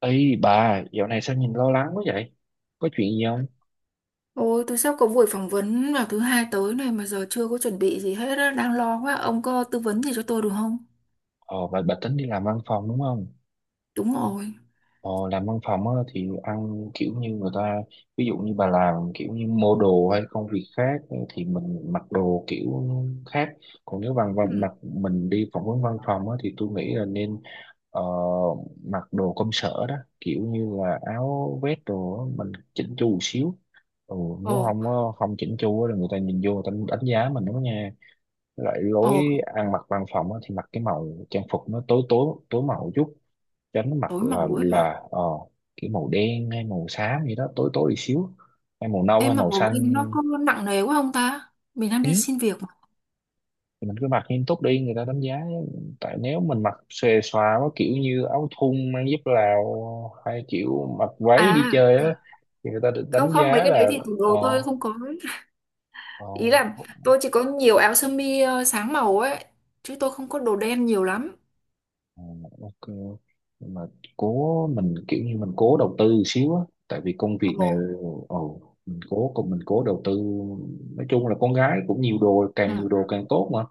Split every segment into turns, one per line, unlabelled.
Ê bà, dạo này sao nhìn lo lắng quá vậy? Có chuyện gì không?
Ôi, tôi sắp có buổi phỏng vấn vào thứ hai tới này mà giờ chưa có chuẩn bị gì hết á, đang lo quá. Ông có tư vấn gì cho tôi được không?
Ồ, bà tính đi làm văn phòng đúng không?
Đúng rồi.
Ồ, làm văn phòng á, thì ăn kiểu như người ta, ví dụ như bà làm kiểu như mua đồ hay công việc khác thì mình mặc đồ kiểu khác. Còn nếu bằng
Ừ.
bằng- mặc mình đi phỏng vấn văn phòng á, thì tôi nghĩ là nên ờ, mặc đồ công sở đó, kiểu như là áo vest đồ á, mình chỉnh chu một xíu. Ừ, nếu
Ồ,
không á, không chỉnh chu á là người ta nhìn vô người ta đánh giá mình đó nha. Loại lối
ồ,
ăn mặc văn phòng á, thì mặc cái màu trang phục nó tối tối tối màu chút, tránh mặc
tối màu ấy rồi.
cái màu đen hay màu xám gì đó tối tối đi xíu hay màu nâu hay
Em mặc
màu
màu đen nó
xanh.
có nặng nề quá không ta? Mình đang
Ừ,
đi xin việc mà.
thì mình cứ mặc nghiêm túc đi người ta đánh giá, tại nếu mình mặc xòe xòa quá kiểu như áo thun mang dép Lào hay kiểu mặc váy đi
À,
chơi á thì người ta được
không
đánh
không, mấy
giá
cái đấy
là
thì tủ
ờ
đồ tôi không có ấy.
ờ
Ý là tôi chỉ có nhiều áo sơ mi sáng màu ấy, chứ tôi không có đồ đen nhiều lắm.
Ờ, ok, nhưng mà cố mình kiểu như mình cố đầu tư xíu á, tại vì công việc này
Ồ,
ồ mình cố cùng mình cố đầu tư. Nói chung là con gái cũng nhiều đồ,
ừ,
càng nhiều đồ càng tốt mà,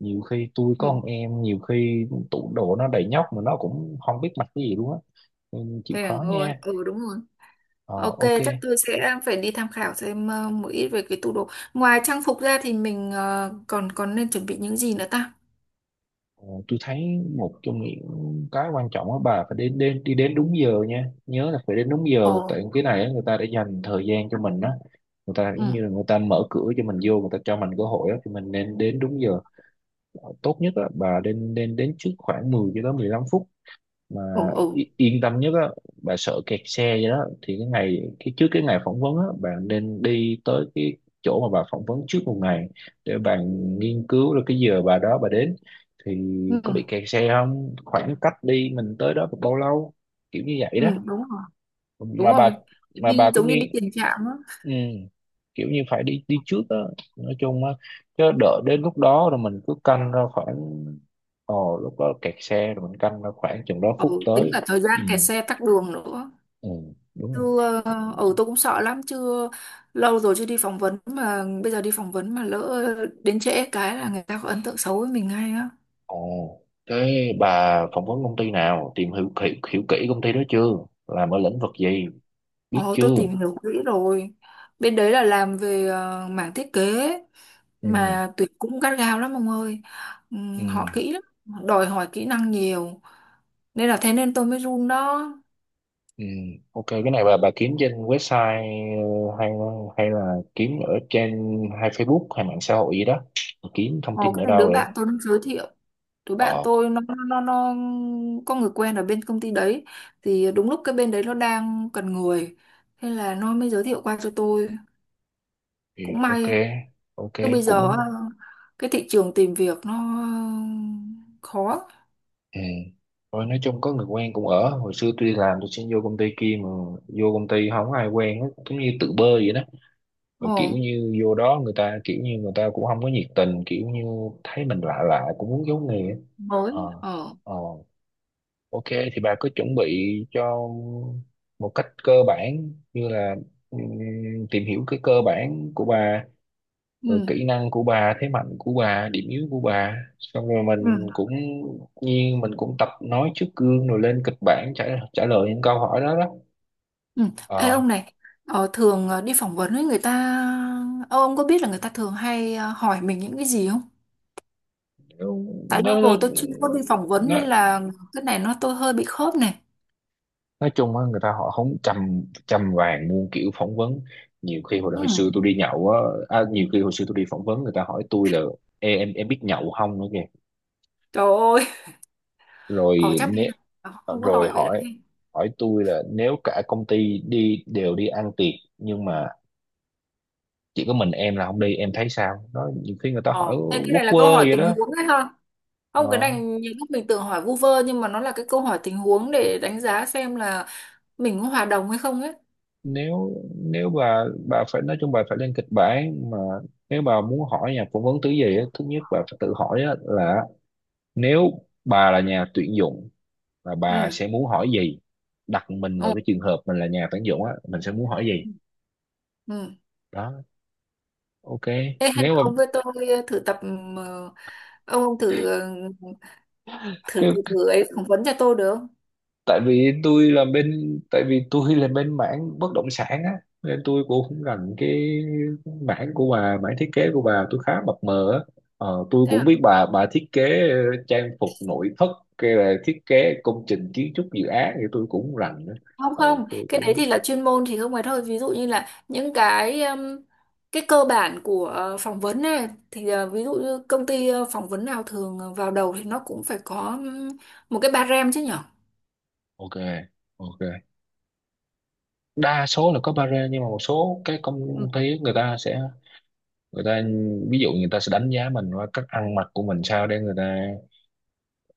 nhiều khi tôi
ừ.
có con em, nhiều khi tủ đồ nó đầy nhóc mà nó cũng không biết mặc cái gì luôn á, nên chịu
Thế à,
khó
ôi,
nha.
ừ đúng rồi.
Ờ,
Ok,
ok.
chắc tôi sẽ phải đi tham khảo xem một ít về cái tủ đồ. Ngoài trang phục ra thì mình ờ, còn còn nên chuẩn bị những gì nữa ta?
Ờ, tôi thấy một trong những cái quan trọng á bà phải đến đến đi đến đúng giờ nha, nhớ là phải đến đúng
Ồ,
giờ, tại cái này á, người ta đã dành thời gian cho mình á, người ta giống
ừ,
như là người ta mở cửa cho mình vô, người ta cho mình cơ hội á thì mình nên đến đúng giờ. Ờ, tốt nhất á bà nên nên đến trước khoảng 10 cho tới 15 phút mà
ồ, ừ,
yên tâm nhất á, bà sợ kẹt xe vậy đó thì cái ngày cái trước cái ngày phỏng vấn á bạn nên đi tới cái chỗ mà bà phỏng vấn trước một ngày, để bạn nghiên cứu là cái giờ bà đó bà đến thì
ừ,
có bị kẹt xe không, khoảng cách đi mình tới đó bao lâu, kiểu như vậy đó.
ừ, đúng rồi, đúng
mà bà
rồi.
mà bà
Đi
có
giống như đi
nghi,
tiền trạm á.
ừ, kiểu như phải đi đi trước á, nói chung á, chứ đợi đến lúc đó rồi mình cứ canh ra khoảng lúc đó kẹt xe rồi mình canh ra khoảng chừng đó phút
Ồ, tính cả
tới.
thời
Ừ.
gian kẹt xe tắc đường nữa.
Ừ, đúng rồi.
Chưa, ừ, tôi cũng sợ lắm, chưa lâu rồi chưa đi phỏng vấn mà bây giờ đi phỏng vấn mà lỡ đến trễ cái là người ta có ấn tượng xấu với mình ngay á.
Ồ, cái bà phỏng vấn công ty nào, hiểu kỹ công ty đó chưa? Làm ở lĩnh vực gì, biết
Ồ, tôi
chưa?
tìm hiểu kỹ rồi. Bên đấy là làm về mảng thiết kế
Ừ.
mà tuyển cũng gắt gao lắm ông ơi.
Ừ,
Họ kỹ lắm, họ đòi hỏi kỹ năng nhiều nên là thế nên tôi mới run đó.
ừ. Ok, cái này bà kiếm trên website, hay hay là kiếm ở trên hay Facebook hay mạng xã hội gì đó. Bà kiếm thông
Ồ,
tin
cái
ở
này
đâu
đứa
vậy?
bạn tôi nó giới thiệu. Đứa bạn
Ờ,
tôi nó có người quen ở bên công ty đấy, thì đúng lúc cái bên đấy nó đang cần người, thế là nó mới giới thiệu qua cho tôi.
thì
Cũng
ok,
may,
ok
chứ bây giờ á,
cũng
cái thị trường tìm việc nó khó.
ừ. Rồi nói chung có người quen cũng ở hồi xưa tôi đi làm tôi xin vô công ty kia mà vô công ty không ai quen hết giống như tự bơi vậy đó, và
Ồ.
kiểu như vô đó người ta kiểu như người ta cũng không có nhiệt tình, kiểu như thấy mình lạ lạ cũng muốn giấu nghề.
Mới.
ờ
Ờ
ờ ok, thì bà cứ chuẩn bị cho một cách cơ bản như là ừm, tìm hiểu cái cơ bản của bà rồi
ừ.
kỹ năng của bà, thế mạnh của bà, điểm yếu của bà, xong rồi
Ừ.
mình cũng nhiên mình cũng tập nói trước gương rồi lên kịch bản trả trả lời những câu hỏi đó đó.
Ừ. Ê
ờ
ông này, thường đi phỏng vấn với người ta, ờ, ông có biết là người ta thường hay hỏi mình những cái gì không? Tại lâu
nó, nó,
rồi tôi chưa có đi phỏng vấn nên
nó
là cái này nó tôi hơi bị khớp này.
Nói chung á người ta họ không chăm chăm vàng muôn kiểu phỏng vấn, nhiều khi
Ừ.
hồi xưa tôi đi nhậu á, à, nhiều khi hồi xưa tôi đi phỏng vấn người ta hỏi tôi là: Ê, em biết nhậu không nữa kìa.
Trời ơi, ở
rồi
chắc mình
nếu
không có
Rồi
hỏi vậy đâu
hỏi
he.
hỏi tôi là nếu cả công ty đi đều đi ăn tiệc nhưng mà chỉ có mình em là không đi em thấy sao đó, nhiều khi người ta
Ờ,
hỏi
ê, cái
quốc
này là câu
quơ
hỏi
vậy
tình
đó.
huống đấy ha. Không, cái này
Ờ,
nhiều lúc mình tưởng hỏi vu vơ nhưng mà nó là cái câu hỏi tình huống để đánh giá xem là mình có hòa đồng hay không ấy.
nếu nếu bà phải nói chung bà phải lên kịch bản mà, nếu bà muốn hỏi nhà phỏng vấn thứ gì á, thứ nhất bà phải tự hỏi á là nếu bà là nhà tuyển dụng và bà
Ừ.
sẽ muốn hỏi gì. Đặt mình vào
Ừ.
cái trường hợp mình là nhà tuyển dụng á mình sẽ muốn hỏi gì.
Ừ.
Đó. Ok.
Ê, hay
nếu
là
mà
ông với tôi thử tập, ông thử, ờ, thử
cái
thử thử ấy phỏng vấn cho tôi được không?
Tại vì tôi là bên, tại vì tôi là bên mảng bất động sản á nên tôi cũng không rành cái mảng của bà, mảng thiết kế của bà tôi khá mập mờ á. Ờ, tôi
Thế
cũng
là
biết bà thiết kế trang phục nội thất hay là thiết kế công trình kiến trúc dự án thì tôi cũng không rành nữa.
không
Ừ
không
tôi
cái đấy
cũng
thì là chuyên môn thì không phải thôi, ví dụ như là những cái cơ bản của phỏng vấn này thì, ví dụ như công ty phỏng vấn nào thường vào đầu thì nó cũng phải có một cái ba rem chứ nhở.
ok ok, đa số là có barrier nhưng mà một số cái
Ừ.
công ty người ta sẽ, người ta ví dụ người ta sẽ đánh giá mình qua cách ăn mặc của mình sao, để người ta,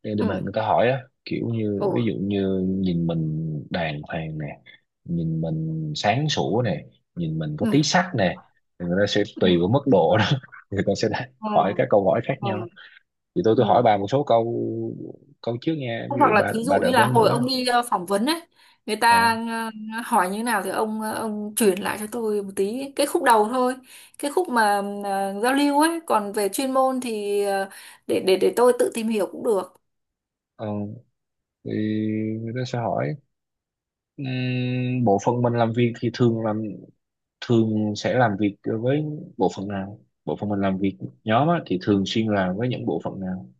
để mà
Ừ.
người ta hỏi á kiểu như
Ồ.
ví dụ như nhìn mình đàng hoàng nè, nhìn mình sáng sủa nè, nhìn mình có
Ừ.
tí sắc nè. Thì người ta sẽ
Ừ.
tùy vào mức độ đó người ta sẽ
Ừ.
hỏi các câu hỏi khác
Ừ.
nhau. Thì tôi hỏi
Ừ.
bà một số câu, câu trước nha, ví
Hoặc
dụ
là
bà
thí dụ
bà
như
đợi
là
bớt
hồi
nữa.
ông đi phỏng vấn ấy, người ta
ờ
hỏi như thế nào thì ông chuyển lại cho tôi một tí cái khúc đầu thôi, cái khúc mà giao lưu ấy, còn về chuyên môn thì để tôi tự tìm hiểu cũng được.
ờ thì người ta sẽ hỏi: bộ phận mình làm việc thì thường làm, thường sẽ làm việc với bộ phận nào, bộ phận mình làm việc nhóm á, thì thường xuyên làm với những bộ phận nào,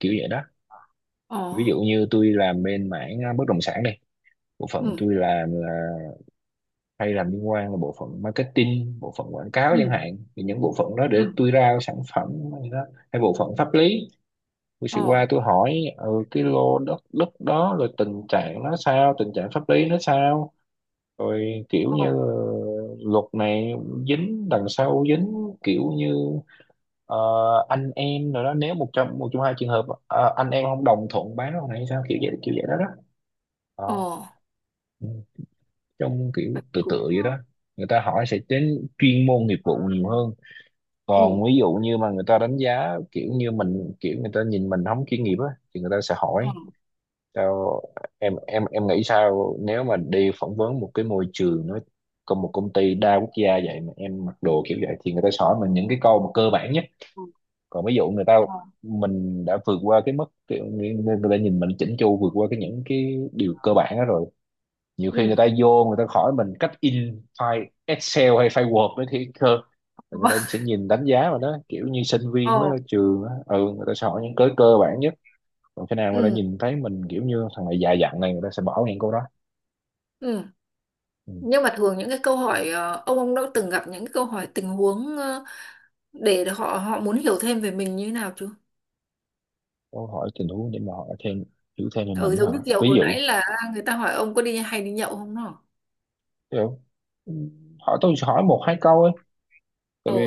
kiểu vậy đó.
Ồ.
Ví dụ như tôi làm bên mảng à, bất động sản đây, bộ phận
Ừ.
tôi làm là hay làm liên quan là bộ phận marketing, bộ phận quảng cáo
Ừ.
chẳng hạn, thì những bộ phận đó
Ừ.
để tôi ra sản phẩm hay đó, hay bộ phận pháp lý tôi sẽ
Ồ.
qua tôi hỏi ừ, cái lô đất đất đó rồi tình trạng nó sao, tình trạng pháp lý nó sao, rồi kiểu như
Ồ.
luật này dính đằng sau dính, kiểu như ờ, anh em rồi đó, nếu một trong hai trường hợp ờ, anh em không đồng thuận bán con này hay sao, kiểu vậy đó đó. Ờ,
Ồ.
ừ. Trong kiểu
Vậy thì
tự
cũng,
tự vậy đó, người ta hỏi sẽ đến chuyên môn nghiệp vụ nhiều hơn.
ừ.
Còn ví dụ như mà người ta đánh giá kiểu như mình kiểu người ta nhìn mình không chuyên nghiệp á thì người ta sẽ
Ồ.
hỏi: Sao em nghĩ sao nếu mà đi phỏng vấn một cái môi trường nó còn một công ty đa quốc gia vậy mà em mặc đồ kiểu vậy, thì người ta sẽ hỏi mình những cái câu mà cơ bản nhất.
Ồ.
Còn ví dụ người ta
Ồ.
mình đã vượt qua cái mức kiểu người ta nhìn mình chỉnh chu vượt qua cái những cái điều cơ bản đó rồi, nhiều khi người
Ừ.
ta vô người ta hỏi mình cách in file Excel hay file Word đấy thì cơ người ta sẽ nhìn đánh giá mà đó kiểu như sinh
Ồ.
viên mới ra trường á, ừ người ta sẽ hỏi những cái cơ bản nhất. Còn khi nào người ta
Ừ.
nhìn thấy mình kiểu như thằng này già dặn này người ta sẽ bỏ ngang câu đó.
Ừ.
Ừ.
Nhưng mà thường những cái câu hỏi, ông đã từng gặp những cái câu hỏi tình huống, để họ họ muốn hiểu thêm về mình như thế nào chưa?
Câu hỏi tình huống để mà hỏi thêm hiểu thêm về
Ừ,
mình hả?
giống như kiểu
Ví
hồi
dụ
nãy là người ta hỏi ông có đi hay đi nhậu không đó.
kiểu ừ, hỏi tôi hỏi một hai câu ấy, tại
Ồ.
vì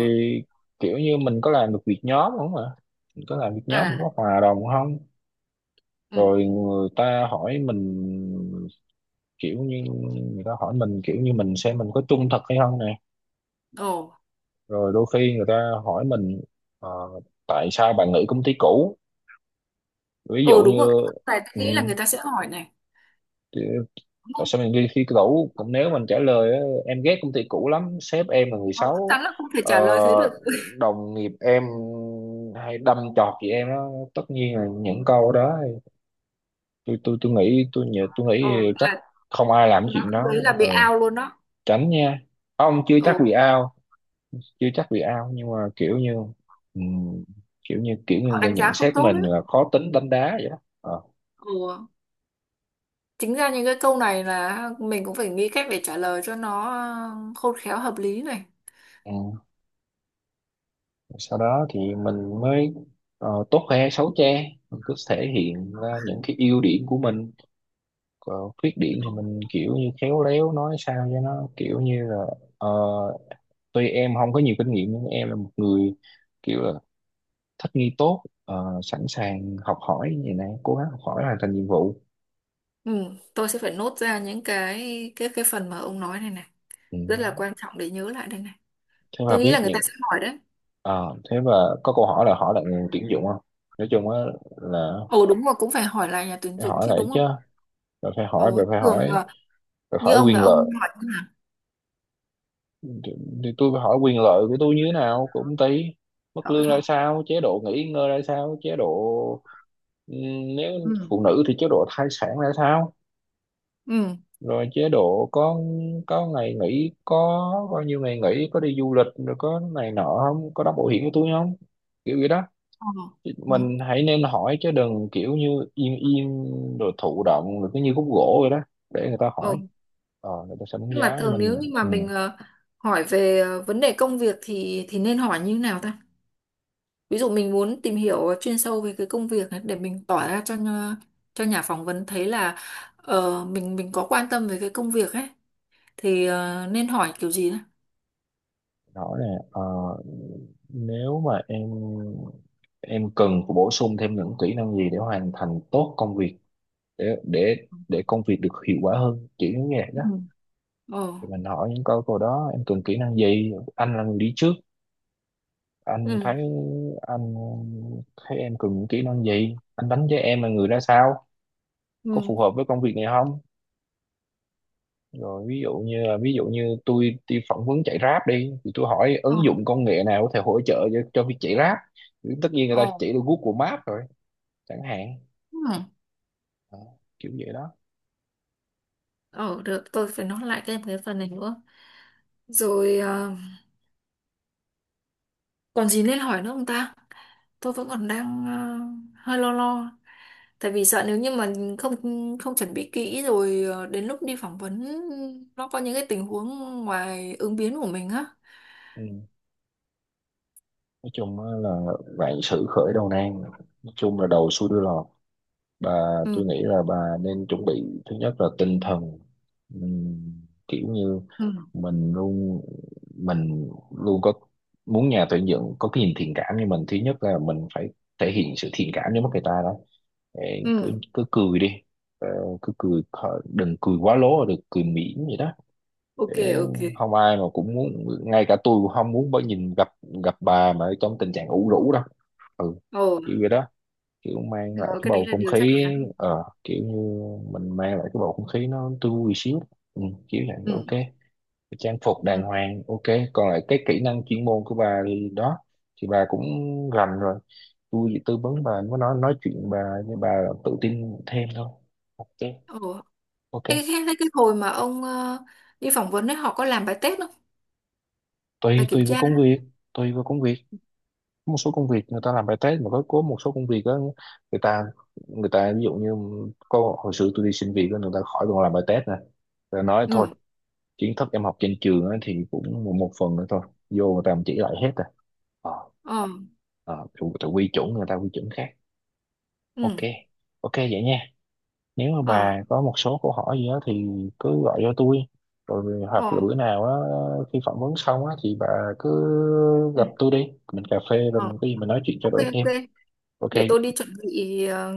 kiểu như mình có làm được việc nhóm không ạ, mình có làm việc nhóm mình
À.
có hòa đồng không.
Ừ.
Rồi người ta hỏi mình kiểu như, người ta hỏi mình kiểu như mình xem mình có trung thực hay không nè.
Ồ.
Rồi đôi khi người ta hỏi mình ờ, tại sao bạn nghỉ công ty cũ, ví dụ
Ồ, đúng rồi,
như
tại tôi nghĩ là người ta sẽ hỏi này,
ừ,
đúng
tại
không?
sao mình ghi khi cũ cũng, nếu mình trả lời á, em ghét công ty cũ lắm, sếp em là người
Nó chắc
xấu,
chắn là không thể
ờ,
trả lời thế được.
đồng nghiệp em hay đâm chọt chị em đó, tất nhiên là những câu đó tôi
Ồ
nghĩ chắc
là,
không ai làm
nó
chuyện
câu
đó.
đấy là
Ờ,
bị out luôn đó.
tránh nha, không chưa
Ồ,
chắc bị ao, chưa chắc bị ao nhưng mà kiểu như ừm, kiểu như kiểu như người
họ
ta
đánh giá
nhận
không
xét
tốt
mình
đấy.
là khó tính đánh đá vậy đó.
Ồ, chính ra những cái câu này là mình cũng phải nghĩ cách để trả lời cho nó khôn khéo hợp lý này.
Ờ. Sau đó thì mình mới tốt khoe xấu che, mình cứ thể hiện ra những cái ưu điểm của mình, còn khuyết
Ừ.
điểm thì mình kiểu như khéo léo nói sao cho nó kiểu như là ờ, tuy em không có nhiều kinh nghiệm nhưng em là một người kiểu là thích nghi tốt, sẵn sàng học hỏi như này, cố gắng học hỏi hoàn thành nhiệm vụ.
Ừ, tôi sẽ phải nốt ra những cái phần mà ông nói này này,
Ừ.
rất là quan trọng để nhớ lại đây này.
Thế
Tôi
và
nghĩ là
viết
người ta
những
sẽ hỏi đấy.
ờ, thế và có câu hỏi là hỏi lại nguồn tuyển dụng không, nói chung á là
Ồ, đúng rồi, cũng phải hỏi lại nhà tuyển
phải
dụng
hỏi
chứ
lại
đúng
chứ,
không?
rồi phải hỏi,
Ồ,
rồi phải hỏi
thường
rồi
là
Phải
như
hỏi
ông là
quyền
ông
lợi.
hỏi như nào?
thì, thì tôi phải hỏi quyền lợi của tôi như thế nào, của công ty mức
Hỏi
lương ra
hả?
sao, chế độ nghỉ ngơi ra sao, chế độ nếu
Ừ.
phụ nữ thì chế độ thai sản ra sao,
Ừ.
rồi chế độ có ngày nghỉ, có bao nhiêu ngày nghỉ, có đi du lịch rồi có này nọ, không có đóng bảo hiểm của tôi không, kiểu vậy đó.
ờ, ừ.
Mình hãy nên hỏi chứ đừng kiểu như im im rồi thụ động rồi cứ như khúc gỗ vậy đó, để người ta
Ồ.
hỏi. Ờ người ta sẽ đánh
Nhưng mà
giá
thường nếu
mình.
như mà
Ừ.
mình hỏi về vấn đề công việc thì nên hỏi như nào ta? Ví dụ mình muốn tìm hiểu chuyên sâu về cái công việc ấy để mình tỏ ra cho cho nhà phỏng vấn thấy là mình có quan tâm về cái công việc ấy, thì nên hỏi kiểu gì đấy.
Rõ ràng, nếu mà em cần phải bổ sung thêm những kỹ năng gì để hoàn thành tốt công việc, để để để công việc được hiệu quả hơn, kiểu như vậy
Ừ.
đó.
ờ
Thì mình hỏi những câu câu đó, em cần kỹ năng gì, anh là người đi trước anh
ừ.
thấy, anh thấy em cần những kỹ năng gì, anh đánh giá em là người ra sao,
Ừ.
có phù hợp với công việc này không. Rồi ví dụ như là, ví dụ như tôi đi phỏng vấn chạy Grab đi, thì tôi hỏi
Ờ.
ứng dụng công nghệ nào có thể hỗ trợ cho việc chạy Grab, thì tất nhiên người
Ồ.
ta chỉ được Google Maps rồi chẳng hạn.
Ừ.
Đó, kiểu vậy đó.
ờ Được, tôi phải nói lại thêm cái phần này nữa. Rồi còn gì nên hỏi nữa không ta? Tôi vẫn còn đang hơi lo lo, tại vì sợ nếu như mà không không chuẩn bị kỹ rồi, đến lúc đi phỏng vấn nó có những cái tình huống ngoài ứng biến của mình á.
Ừ. Nói chung á là vạn sự khởi đầu nan, nói chung là đầu xuôi đuôi lọt, bà.
Ừ.
Tôi nghĩ là bà nên chuẩn bị, thứ nhất là tinh thần. Ừm, Kiểu như
Ừ.
mình luôn mình luôn có muốn nhà tuyển dụng có cái nhìn thiện cảm. Như mình, thứ nhất là mình phải thể hiện sự thiện cảm với mắt người ta đó. Để cứ,
Ừ.
cứ cười đi. Ờ, cứ cười khỏi- đừng cười quá lố, đừng cười mỉm vậy đó.
Ok,
Để
ok.
không ai mà cũng muốn, ngay cả tôi cũng không muốn bởi nhìn gặp gặp bà mà trong tình trạng ủ rũ đâu. Ừ,
Ồ.
kiểu vậy đó, kiểu mang lại
Đó,
cái
cái đấy
bầu
là
không
điều chắc
khí.
chắn.
Ờ kiểu như mình mang lại cái bầu không khí nó tươi vui xíu, ừ, kiểu vậy.
Ừ.
Ok, trang phục
Ừ.
đàng hoàng, ok. Còn lại cái kỹ năng chuyên môn của bà thì đó, thì bà cũng rành rồi, tôi chỉ tư vấn bà, mới nói chuyện bà, với bà tự tin thêm thôi. Ok
Ồ.
ok.
Ê, cái hồi mà ông đi phỏng vấn ấy, họ có làm bài test không? Bài
tùy
kiểm
Tùy với
tra.
công việc, tùy với công việc. Có một số công việc người ta làm bài test, mà có một số công việc đó, người ta người ta ví dụ như có, hồi xưa tôi đi xin việc đó, người ta khỏi còn làm bài test nè, rồi nói thôi,
Ừ.
kiến thức em học trên trường á thì cũng một phần nữa thôi, vô người ta cũng chỉ lại hết rồi. Ờ.
Ờ.
Ờ, tự quy chuẩn, người ta quy chuẩn khác. Ok.
Ừ.
Ok vậy nha, nếu mà
Ờ.
bà có một số câu hỏi gì đó thì cứ gọi cho tôi, rồi
Ờ.
hoặc là bữa nào á khi phỏng vấn xong á thì bà cứ
Ừ.
gặp tôi đi, mình cà phê rồi
Ờ.
mình cái gì mình nói chuyện trao
Ok,
đổi thêm.
ok.
Ok
Để tôi đi chuẩn bị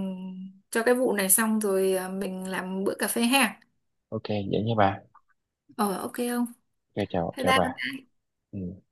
cho cái vụ này xong rồi mình làm bữa cà phê ha.
ok vậy nha bà.
Ờ, ok không?
Ok, chào
Bye
chào bà.
bye.
Ừ.